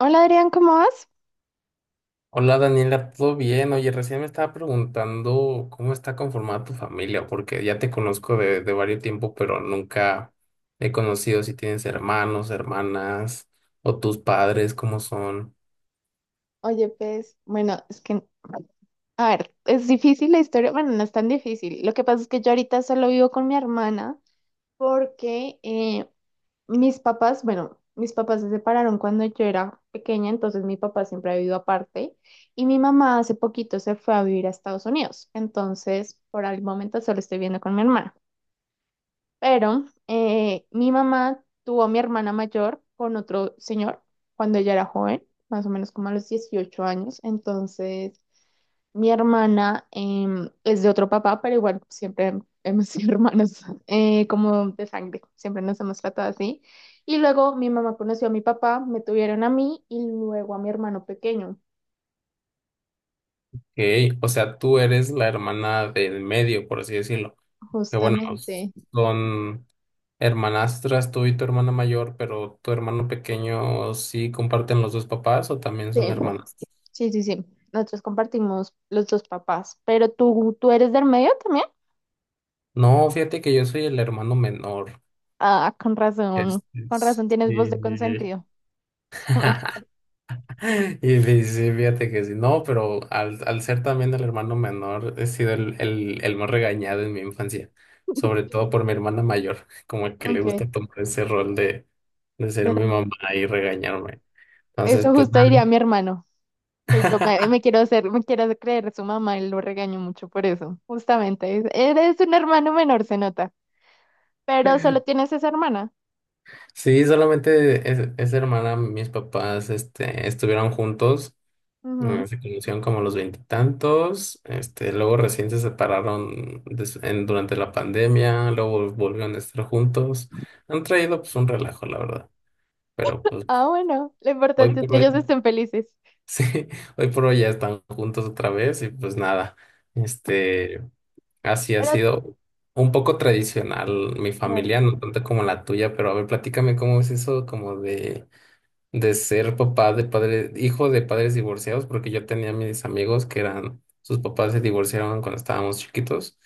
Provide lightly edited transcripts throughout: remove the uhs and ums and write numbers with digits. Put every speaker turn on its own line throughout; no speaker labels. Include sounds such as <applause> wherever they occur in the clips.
Hola Adrián, ¿cómo vas?
Hola Daniela, ¿todo bien? Oye, recién me estaba preguntando cómo está conformada tu familia, porque ya te conozco de varios tiempo, pero nunca he conocido si tienes hermanos, hermanas o tus padres, cómo son.
Oye, pues, bueno, es que, a ver, es difícil la historia. Bueno, no es tan difícil. Lo que pasa es que yo ahorita solo vivo con mi hermana porque mis papás, bueno, mis papás se separaron cuando yo era pequeña. Entonces mi papá siempre ha vivido aparte y mi mamá hace poquito se fue a vivir a Estados Unidos, entonces por el momento solo estoy viviendo con mi hermana. Pero mi mamá tuvo a mi hermana mayor con otro señor cuando ella era joven, más o menos como a los 18 años. Entonces, mi hermana es de otro papá, pero igual siempre hemos sido <laughs> hermanos como de sangre, siempre nos hemos tratado así. Y luego mi mamá conoció a mi papá, me tuvieron a mí y luego a mi hermano pequeño,
Ok, o sea, tú eres la hermana del medio, por así decirlo. Que bueno,
justamente.
son hermanastras tú y tu hermana mayor, pero tu hermano pequeño sí comparten los dos papás o también
Sí,
son hermanas.
sí, sí, sí. Nosotros compartimos los dos papás. Pero ¿tú eres del medio también?
No, fíjate que yo soy el hermano menor.
Ah,
Este,
con razón tienes voz de
sí.
consentido. <laughs> No,
<laughs>
mentira.
Y sí, sí, fíjate que sí, no, pero al ser también el hermano menor, he sido el más regañado en mi infancia, sobre todo por mi hermana mayor. <laughs> Como que le
Ok,
gusta tomar ese rol de, ser mi mamá
la-
y regañarme. Entonces,
eso
pues
justo
nada.
diría mi hermano, que yo me
<laughs>
quiero hacer creer su mamá y lo regaño mucho por eso, justamente. Eres un hermano menor, se nota, pero solo tienes esa hermana.
Sí, solamente esa hermana. Mis papás, estuvieron juntos.
Ujú.
Se conocieron como a los veintitantos. Luego recién se separaron durante la pandemia, luego volvieron a estar juntos. Han traído pues un relajo, la verdad, pero pues
Ah, bueno, lo
hoy
importante es
por
que ellos
hoy,
estén felices.
<laughs> sí, hoy por hoy ya están juntos otra vez y pues nada, este, así ha
Pero,
sido un poco tradicional mi
claro,
familia, no tanto como la tuya. Pero a ver, platícame cómo es eso como de ser papá de padre, hijo de padres divorciados, porque yo tenía mis amigos que eran, sus papás se divorciaron cuando estábamos chiquitos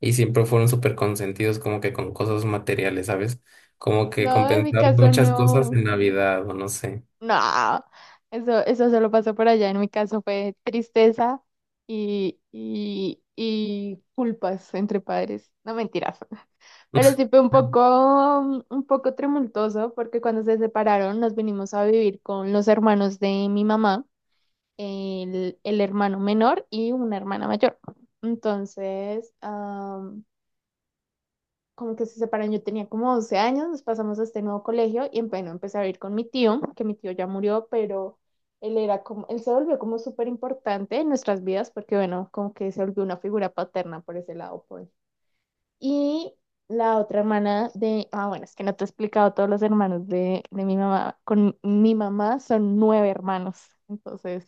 y siempre fueron súper consentidos como que con cosas materiales, ¿sabes? Como que
no, en mi
compensaban
caso
muchas cosas
no.
en Navidad o no sé.
No, eso solo pasó por allá. En mi caso fue tristeza y, y culpas entre padres. No, mentiras. <laughs> Pero sí fue
<laughs>
un poco tumultuoso porque cuando se separaron nos vinimos a vivir con los hermanos de mi mamá, el hermano menor y una hermana mayor. Entonces, como que se separan, yo tenía como 12 años, nos pasamos a este nuevo colegio y bueno, empecé a ir con mi tío, que mi tío ya murió, pero él era como, él se volvió como súper importante en nuestras vidas porque bueno, como que se volvió una figura paterna por ese lado, pues. Y la otra hermana bueno, es que no te he explicado, todos los hermanos de mi mamá, con mi mamá son nueve hermanos. Entonces,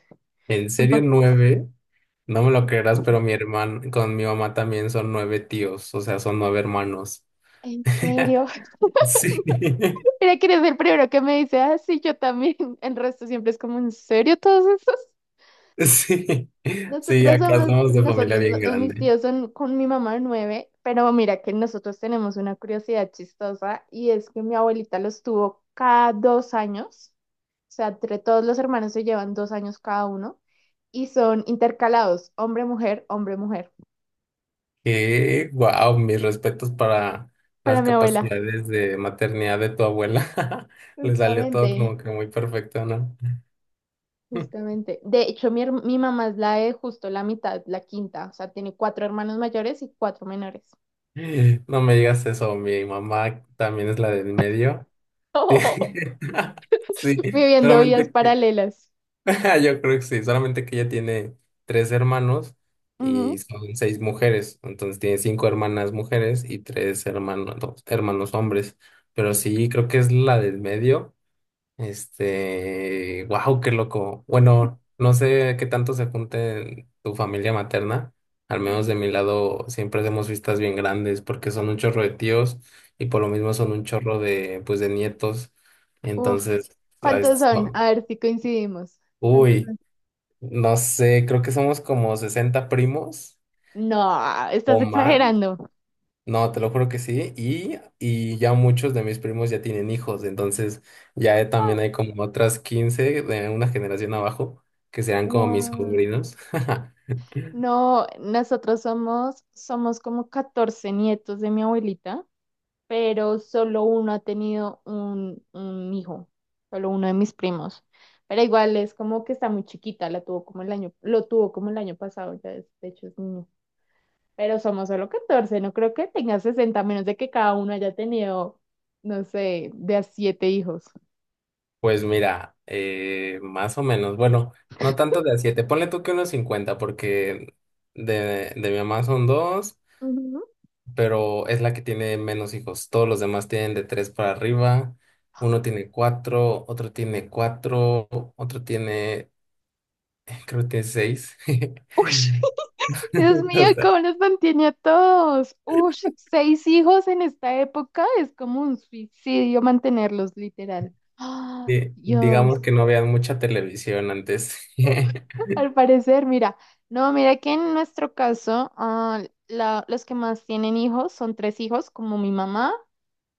¿En
es un
serio?
poco...
Nueve, no me lo creerás, pero mi hermano, con mi mamá también son nueve tíos, o sea, son nueve hermanos.
¿En serio?
Sí.
<laughs> Mira que eres el primero que me dice: ah, sí, yo también. <laughs> El resto siempre es como: ¿en serio todos esos?
<laughs> Sí, sí,
Nosotros
acá
somos,
somos de familia
nosotros, no-
bien
Mis
grande.
tíos son con mi mamá nueve, pero mira que nosotros tenemos una curiosidad chistosa y es que mi abuelita los tuvo cada 2 años, o sea, entre todos los hermanos se llevan 2 años cada uno y son intercalados, hombre-mujer, hombre-mujer,
Wow, mis respetos para
para
las
mi abuela.
capacidades de maternidad de tu abuela. <laughs> Le salió todo
Justamente,
como que muy perfecto, ¿no? <laughs>
justamente. De hecho, mi mamá es la de justo la mitad, la quinta, o sea, tiene cuatro hermanos mayores y cuatro menores,
No me digas eso, mi mamá también es la del medio.
<laughs>
<laughs> Sí. <laughs> Sí,
viviendo vidas
solamente que-
paralelas.
<laughs> yo creo que sí, solamente que ella tiene tres hermanos y son seis mujeres, entonces tiene cinco hermanas mujeres y tres hermanos, hermanos hombres, pero
Ujú.
sí, creo que es la del medio. Wow, qué loco. Bueno, no sé qué tanto se junte en tu familia materna. Al menos
Mm,
de mi lado siempre hacemos fiestas bien grandes porque son un chorro de tíos y por lo mismo
ah,
son un chorro de, pues, de nietos.
Uf,
Entonces,
¿cuántos son?
no.
A ver si coincidimos. ¿Cuántos
Uy,
son?
no sé, creo que somos como 60 primos
No, estás
o más.
exagerando.
No, te lo juro que sí. Y ya muchos de mis primos ya tienen hijos, entonces también
Ah,
hay como otras 15 de una generación abajo que serán como mis sobrinos. <laughs>
no, nosotros somos como 14 nietos de mi abuelita, pero solo uno ha tenido un hijo, solo uno de mis primos. Pero igual es como que está muy chiquita, la tuvo como el año, lo tuvo como el año pasado. Ya de hecho es niño. Pero somos solo 14, no creo que tenga 60 a menos de que cada uno haya tenido, no sé, de a siete hijos.
Pues mira, más o menos, bueno, no tanto de a 7, ponle tú que unos 50 porque de mi mamá son dos,
Ujú.
pero es la que tiene menos hijos. Todos los demás tienen de tres para arriba. Uno tiene cuatro, otro tiene cuatro, otro tiene, <laughs> creo que tiene seis. <laughs>
Uy, <laughs> Dios
<laughs>
mío,
O sea,
¿cómo los mantiene a todos? Ush, seis hijos en esta época es como un suicidio mantenerlos, literal. Ah,
digamos
Dios,
que no vean mucha televisión antes. <laughs>
al parecer, mira, no, mira que en nuestro caso, los que más tienen hijos son tres hijos, como mi mamá,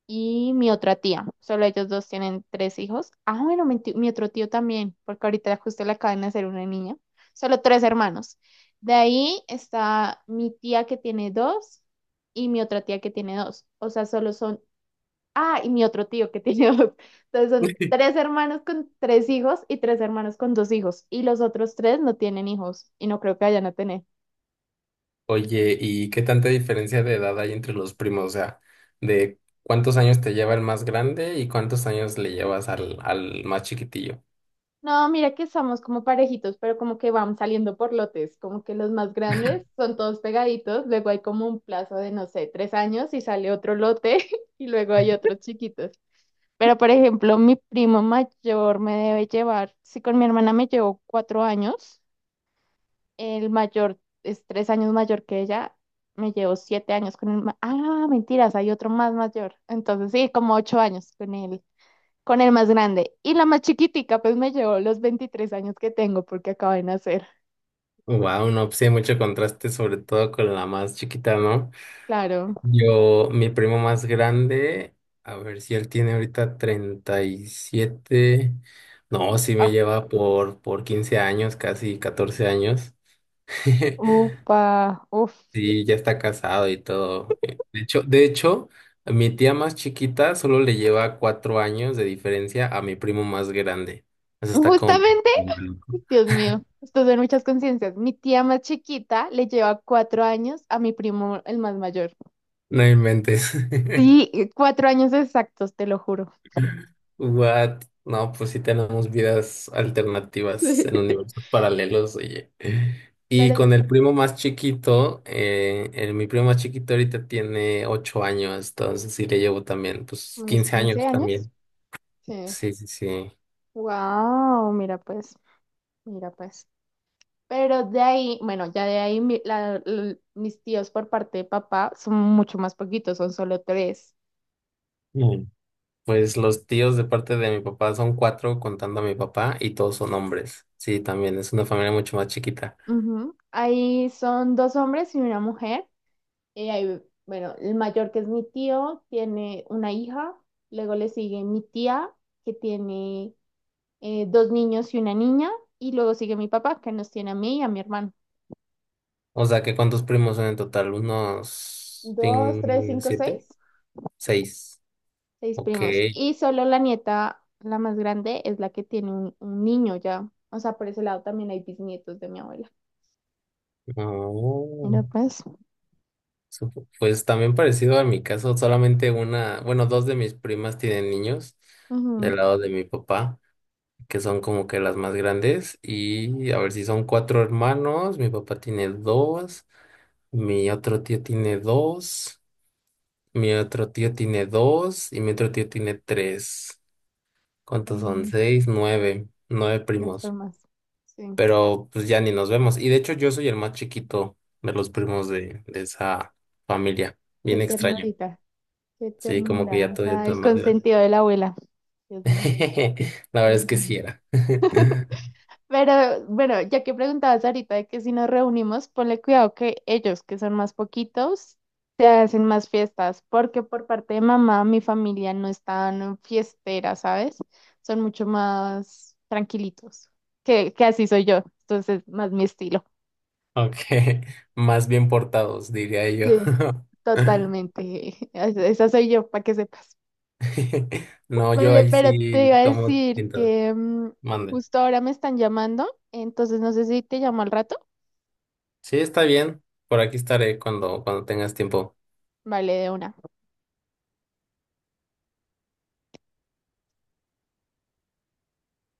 y mi otra tía. Solo ellos dos tienen tres hijos. Ah, bueno, mi otro tío también, porque ahorita justo le acaban de hacer una niña. Solo tres hermanos. De ahí está mi tía que tiene dos y mi otra tía que tiene dos. O sea, solo son... Ah, y mi otro tío que tiene <laughs> dos. Entonces son tres hermanos con tres hijos y tres hermanos con dos hijos. Y los otros tres no tienen hijos y no creo que vayan a tener.
Oye, ¿y qué tanta diferencia de edad hay entre los primos? O sea, ¿de cuántos años te lleva el más grande y cuántos años le llevas al más chiquitillo?
No, mira que somos como parejitos, pero como que van saliendo por lotes, como que los más grandes son todos pegaditos, luego hay como un plazo de, no sé, 3 años y sale otro lote <laughs> y luego hay otros chiquitos. Pero, por ejemplo, mi primo mayor me debe llevar, si con mi hermana me llevo 4 años, el mayor es 3 años mayor que ella, me llevo 7 años con el... Ah, mentiras, hay otro más mayor. Entonces, sí, como 8 años con él con el más grande. Y la más chiquitica, pues me llevó los 23 años que tengo porque acaba de nacer.
Wow, no, pues sí hay mucho contraste, sobre todo con la más chiquita, ¿no?
Claro.
Yo, mi primo más grande, a ver si él tiene ahorita 37. No, sí me
Ah,
lleva por 15 años, casi 14 años. <laughs>
upa, uf.
Sí, ya está casado y todo. De hecho, mi tía más chiquita solo le lleva 4 años de diferencia a mi primo más grande. Eso está como medio
Justamente,
loco.
Dios mío, esto son muchas conciencias. Mi tía más chiquita le lleva 4 años a mi primo, el más mayor.
No inventes.
Sí,
<laughs>
4 años exactos, te lo juro.
What? No, pues sí tenemos vidas alternativas
Sí.
en universos paralelos, oye. Y
Pero
con el primo más chiquito, mi primo más chiquito ahorita tiene 8 años, entonces sí le llevo también, pues
unos
quince
15
años
años.
también.
Sí.
Sí, sí, sí.
Wow, mira pues, mira pues. Pero de ahí, bueno, ya de ahí mis tíos por parte de papá son mucho más poquitos, son solo tres.
Pues los tíos de parte de mi papá son cuatro contando a mi papá y todos son hombres. Sí, también es una familia mucho más chiquita.
Ujú. Ahí son dos hombres y una mujer. Y ahí, bueno, el mayor que es mi tío tiene una hija, luego le sigue mi tía que tiene dos niños y una niña, y luego sigue mi papá que nos tiene a mí y a mi hermano.
O sea, que ¿cuántos primos son en total? ¿Unos
Dos, tres, cinco,
siete?
seis.
Seis.
Seis
Ok.
primos. Y solo la nieta, la más grande, es la que tiene un niño ya. O sea, por ese lado también hay bisnietos de mi abuela.
Oh,
Mira, pues.
pues también parecido a mi caso, solamente una, bueno, dos de mis primas tienen niños del
Ujú,
lado de mi papá, que son como que las más grandes. Y a ver si son cuatro hermanos, mi papá tiene dos, mi otro tío tiene dos. Mi otro tío tiene dos y mi otro tío tiene tres. ¿Cuántos son?
como
Seis, nueve, nueve
qué
primos.
formas. Sí.
Pero pues ya ni nos vemos. Y de hecho yo soy el más chiquito de los primos de esa familia.
Qué
Bien extraño.
ternurita. Qué
Sí, como que
ternura.
ya
O
todavía
sea,
está
el
más grande.
consentido de la abuela.
<laughs>
Dios mío.
La verdad
Me lo
es que sí
imagino.
era. <laughs>
Pero bueno, ya que preguntabas ahorita de que si nos reunimos, ponle cuidado que ellos, que son más poquitos, se hacen más fiestas, porque por parte de mamá, mi familia no es tan fiestera, ¿sabes? Son mucho más tranquilitos, que así soy yo, entonces más mi estilo.
Aunque más bien portados, diría yo.
Sí,
<laughs>
totalmente. <laughs> Esa soy yo, para que sepas.
<laughs> No, yo
Vale,
ahí
pero te
sí
iba a
como
decir
siento.
que
Mande.
justo ahora me están llamando, entonces no sé si te llamo al rato.
Sí, está bien. Por aquí estaré cuando tengas tiempo.
Vale, de una.